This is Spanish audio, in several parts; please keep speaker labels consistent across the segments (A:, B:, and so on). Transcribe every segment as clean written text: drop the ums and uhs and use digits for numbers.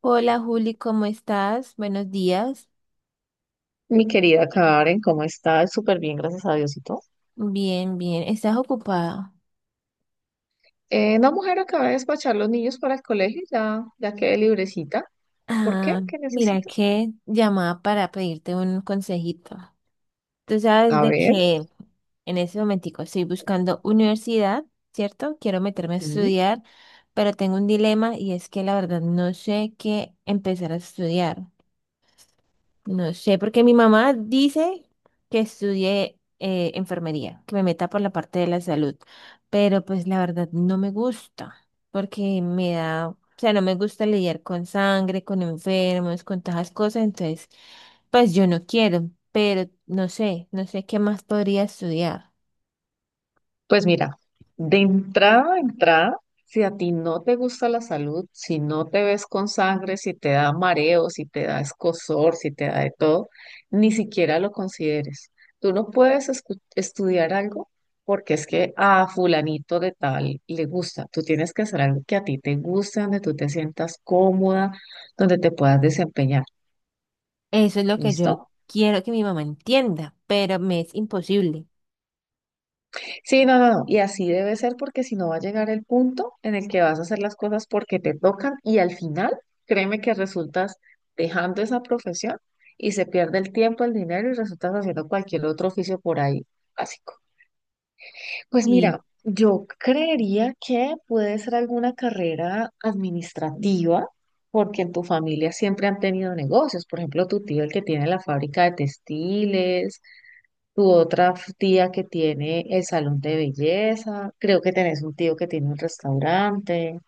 A: Hola Juli, ¿cómo estás? Buenos días.
B: Mi querida Karen, ¿cómo estás? Súper bien, gracias a Diosito.
A: Bien, bien. ¿Estás ocupada?
B: No, mujer, acaba de despachar los niños para el colegio, ya quedé librecita. ¿Por
A: Ah,
B: qué? ¿Qué
A: mira
B: necesito?
A: que llamaba para pedirte un consejito. Tú sabes
B: A
A: de
B: ver.
A: que en ese momentico estoy buscando universidad, ¿cierto? Quiero meterme a estudiar, pero tengo un dilema y es que la verdad no sé qué empezar a estudiar. No sé, porque mi mamá dice que estudie enfermería, que me meta por la parte de la salud, pero pues la verdad no me gusta, porque me da, o sea, no me gusta lidiar con sangre, con enfermos, con todas esas cosas, entonces, pues yo no quiero, pero no sé qué más podría estudiar.
B: Pues mira, de entrada a entrada, si a ti no te gusta la salud, si no te ves con sangre, si te da mareo, si te da escozor, si te da de todo, ni siquiera lo consideres. Tú no puedes estudiar algo porque es que a fulanito de tal le gusta. Tú tienes que hacer algo que a ti te guste, donde tú te sientas cómoda, donde te puedas desempeñar.
A: Eso es lo que yo
B: ¿Listo?
A: quiero que mi mamá entienda, pero me es imposible.
B: Sí, no, no, no. Y así debe ser porque si no va a llegar el punto en el que vas a hacer las cosas porque te tocan y al final, créeme que resultas dejando esa profesión y se pierde el tiempo, el dinero y resultas haciendo cualquier otro oficio por ahí básico. Pues mira,
A: Sí,
B: yo creería que puede ser alguna carrera administrativa porque en tu familia siempre han tenido negocios. Por ejemplo, tu tío el que tiene la fábrica de textiles, tu otra tía que tiene el salón de belleza, creo que tenés un tío que tiene un restaurante.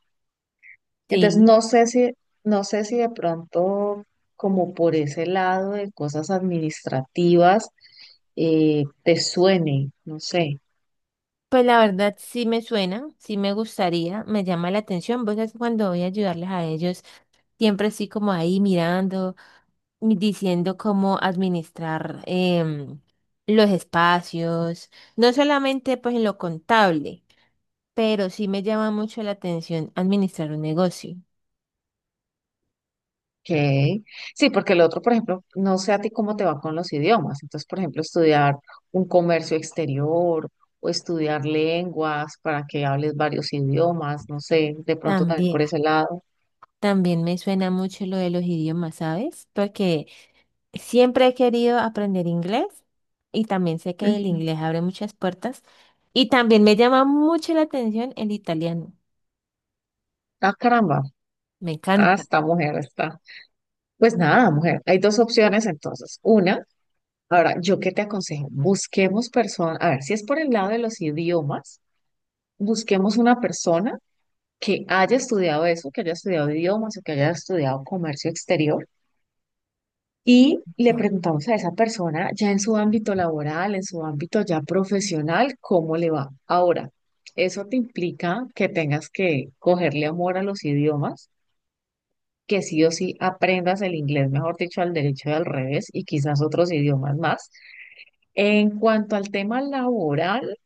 B: Entonces,
A: sí.
B: no sé si de pronto, como por ese lado de cosas administrativas, te suene, no sé.
A: Pues la verdad sí me suena, sí me gustaría, me llama la atención. Vos sabés que cuando voy a ayudarles a ellos, siempre así como ahí mirando, diciendo cómo administrar los espacios, no solamente pues en lo contable, pero sí me llama mucho la atención administrar un negocio
B: Ok. Sí, porque el otro, por ejemplo, no sé a ti cómo te va con los idiomas. Entonces, por ejemplo, estudiar un comercio exterior o estudiar lenguas para que hables varios idiomas, no sé, de pronto también
A: también.
B: por ese lado.
A: También me suena mucho lo de los idiomas, ¿sabes? Porque siempre he querido aprender inglés y también sé que el inglés abre muchas puertas y también me llama mucho la atención el italiano.
B: Ah, caramba.
A: Me
B: Ah,
A: encanta.
B: esta mujer está. Pues nada, mujer. Hay dos opciones entonces. Una, ahora, ¿yo qué te aconsejo? Busquemos personas, a ver, si es por el lado de los idiomas, busquemos una persona que haya estudiado eso, que haya estudiado idiomas o que haya estudiado comercio exterior. Y le preguntamos a esa persona ya en su ámbito laboral, en su ámbito ya profesional, cómo le va. Ahora, eso te implica que tengas que cogerle amor a los idiomas, que sí o sí aprendas el inglés, mejor dicho, al derecho y al revés y quizás otros idiomas más. En cuanto al tema laboral,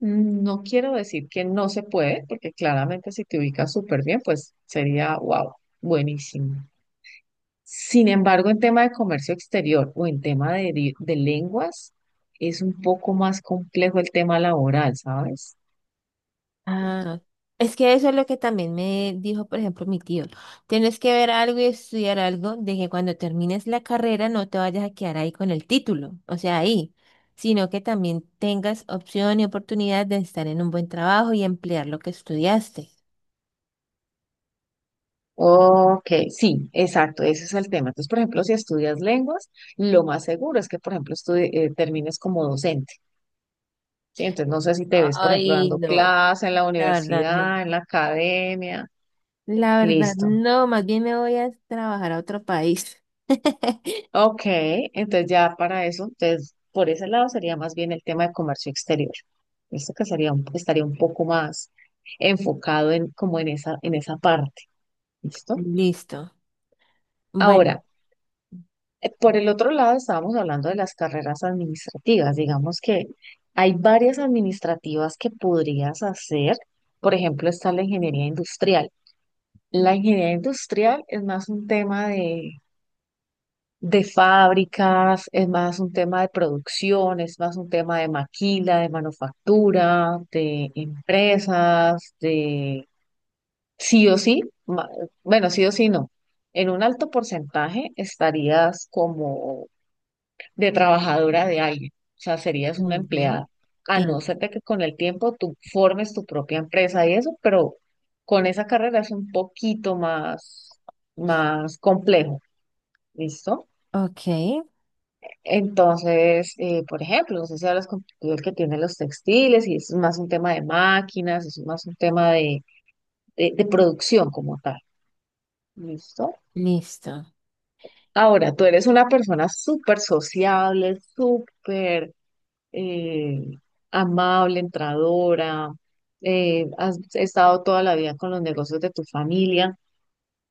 B: no quiero decir que no se puede, porque claramente si te ubicas súper bien, pues sería, wow, buenísimo. Sin embargo, en tema de comercio exterior o en tema de lenguas, es un poco más complejo el tema laboral, ¿sabes?
A: Ah, es que eso es lo que también me dijo, por ejemplo, mi tío. Tienes que ver algo y estudiar algo de que cuando termines la carrera no te vayas a quedar ahí con el título, o sea, ahí, sino que también tengas opción y oportunidad de estar en un buen trabajo y emplear lo que estudiaste.
B: Ok, sí, exacto, ese es el tema. Entonces, por ejemplo, si estudias lenguas, lo más seguro es que, por ejemplo, termines como docente, ¿sí? Entonces, no sé si te ves, por ejemplo,
A: Ay,
B: dando
A: no,
B: clase en la
A: la verdad no.
B: universidad, en la academia,
A: La verdad
B: listo.
A: no, más bien me voy a trabajar a otro país.
B: Ok, entonces ya para eso, entonces, por ese lado sería más bien el tema de comercio exterior. Esto que estaría un poco más enfocado en como en en esa parte, ¿listo?
A: Listo. Bueno.
B: Ahora, por el otro lado, estábamos hablando de las carreras administrativas. Digamos que hay varias administrativas que podrías hacer. Por ejemplo, está la ingeniería industrial. La ingeniería industrial es más un tema de fábricas, es más un tema de producción, es más un tema de maquila, de manufactura, de empresas, de sí o sí. ma- Bueno, sí o sí no. En un alto porcentaje estarías como de trabajadora de alguien, o sea, serías una
A: Ujú.
B: empleada, a no
A: Sí,
B: ser de que con el tiempo tú formes tu propia empresa y eso, pero con esa carrera es un poquito más, más complejo, ¿listo?
A: ok,
B: Entonces, por ejemplo, no sé si hablas con tu tío el que tiene los textiles y es más un tema de máquinas, es más un tema de producción como tal, ¿listo?
A: listo.
B: Ahora, tú eres una persona súper sociable, súper eh, amable, entradora, has estado toda la vida con los negocios de tu familia.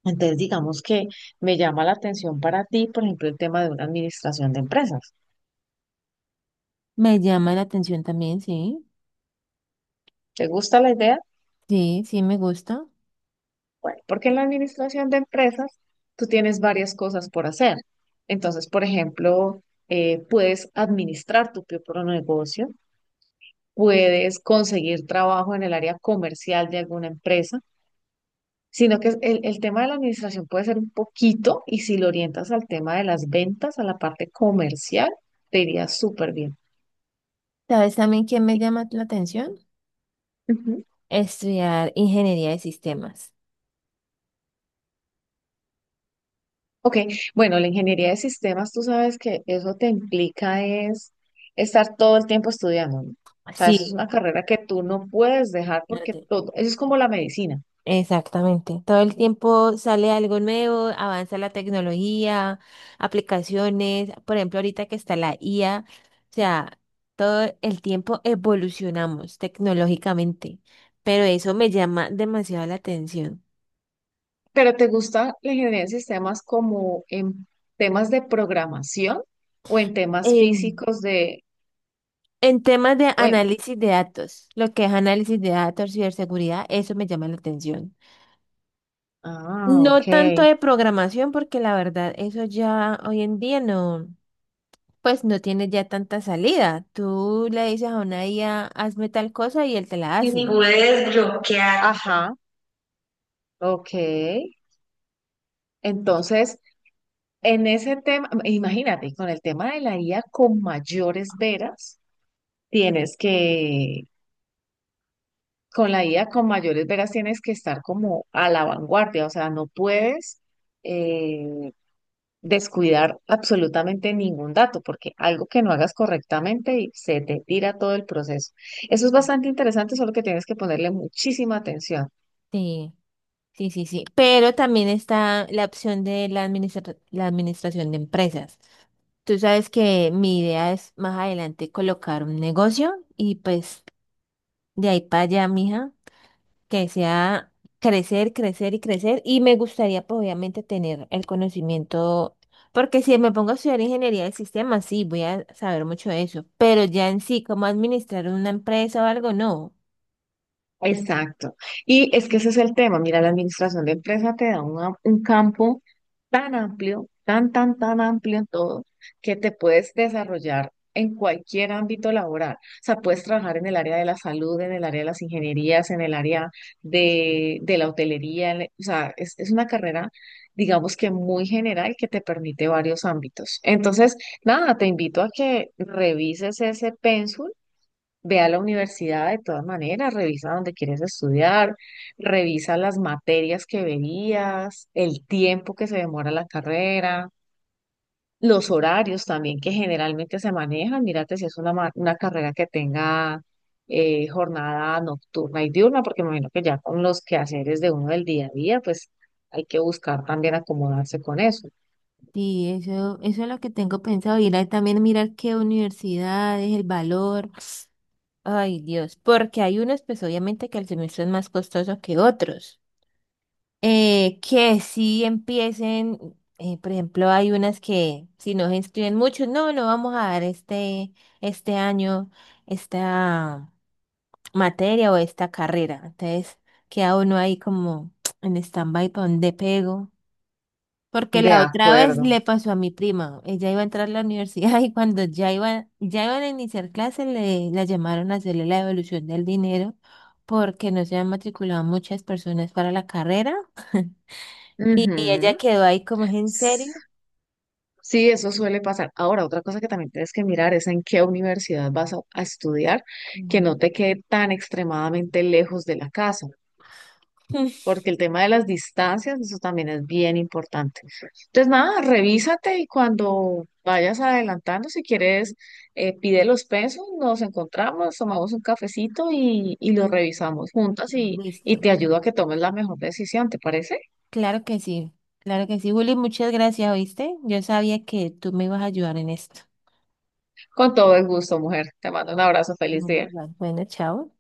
B: Entonces, digamos que me llama la atención para ti, por ejemplo, el tema de una administración de empresas.
A: Me llama la atención también, sí.
B: ¿Te gusta la idea?
A: Sí, sí, me gusta.
B: Bueno, porque en la administración de empresas tú tienes varias cosas por hacer. Entonces, por ejemplo, puedes administrar tu propio negocio, puedes conseguir trabajo en el área comercial de alguna empresa, sino que el tema de la administración puede ser un poquito y si lo orientas al tema de las ventas, a la parte comercial, te iría súper bien.
A: ¿Sabes también quién me llama la atención?
B: Ujú.
A: Estudiar ingeniería de sistemas.
B: Ok, bueno, la ingeniería de sistemas, tú sabes que eso te implica es estar todo el tiempo estudiando, ¿no? O sea, eso es
A: Sí.
B: una carrera que tú no puedes dejar porque
A: Arte.
B: todo, eso es como la medicina.
A: Exactamente. Todo el tiempo sale algo nuevo, avanza la tecnología, aplicaciones. Por ejemplo, ahorita que está la IA, o sea, todo el tiempo evolucionamos tecnológicamente, pero eso me llama demasiado la atención.
B: ¿Pero te gusta la ingeniería de sistemas como en temas de programación o en temas
A: En-
B: físicos de,
A: En temas de
B: bueno,
A: análisis de datos, lo que es análisis de datos, ciberseguridad, eso me llama la atención.
B: ah,
A: No tanto
B: ok.
A: de programación, porque la verdad, eso ya hoy en día no, pues no tiene ya tanta salida. Tú le dices a una IA, hazme tal cosa y él te la
B: Y
A: hace.
B: pude desbloquear. Ajá, ok. Entonces, en ese tema, imagínate, con el tema de la IA con mayores veras, tienes que, con la IA con mayores veras tienes que estar como a la vanguardia, o sea, no puedes eh, descuidar absolutamente ningún dato, porque algo que no hagas correctamente y se te tira todo el proceso. Eso es bastante interesante, solo que tienes que ponerle muchísima atención.
A: Sí, sí, sí, sí. Pero también está la opción de la la administración de empresas. Tú sabes que mi idea es más adelante colocar un negocio y pues de ahí para allá, mija. Que sea crecer, crecer y crecer. Y me gustaría, pues, obviamente, tener el conocimiento, porque si me pongo a estudiar ingeniería del sistema, sí, voy a saber mucho de eso, pero ya en sí, cómo administrar una empresa o algo, no.
B: Exacto. Y es que ese es el tema. Mira, la administración de empresa te da un campo tan amplio, tan amplio en todo, que te puedes desarrollar en cualquier ámbito laboral. O sea, puedes trabajar en el área de la salud, en el área de las ingenierías, en el área de la hotelería. O sea, es una carrera, digamos que muy general que te permite varios ámbitos. Entonces, nada, te invito a que revises ese pénsul. Ve a la universidad de todas maneras, revisa dónde quieres estudiar, revisa las materias que verías, el tiempo que se demora la carrera, los horarios también que generalmente se manejan. Mírate si es una carrera que tenga jornada nocturna y diurna, porque me imagino que ya con los quehaceres de uno del día a día, pues hay que buscar también acomodarse con eso.
A: Sí, eso es lo que tengo pensado, ir a también mirar qué universidades, el valor. Ay, Dios, porque hay unos, pues obviamente que el semestre es más costoso que otros. Que sí empiecen, por ejemplo, hay unas que si no se inscriben muchos, no, no vamos a dar este, este año esta materia o esta carrera. Entonces queda uno ahí como en stand-by para dónde pego. Porque
B: De
A: la otra vez
B: acuerdo.
A: le pasó a mi prima, ella iba a entrar a la universidad y cuando ya iba, ya iban a iniciar clases le la llamaron a hacerle la devolución del dinero porque no se habían matriculado muchas personas para la carrera. Y ella
B: Ujú.
A: quedó ahí como, ¿es en serio?
B: Sí, eso suele pasar. Ahora, otra cosa que también tienes que mirar es en qué universidad a estudiar, que
A: Ujú.
B: no te quede tan extremadamente lejos de la casa, porque el tema de las distancias, eso también es bien importante. Entonces, nada, revísate y cuando vayas adelantando, si quieres, pide los pesos, nos encontramos, tomamos un cafecito y lo revisamos juntas y
A: Listo.
B: te ayudo a que tomes la mejor decisión, ¿te parece?
A: Claro que sí. Claro que sí, Juli, muchas gracias, ¿oíste? Yo sabía que tú me ibas a ayudar en esto.
B: Con todo el gusto, mujer. Te mando un abrazo, feliz
A: Bueno,
B: día.
A: Bueno, chao.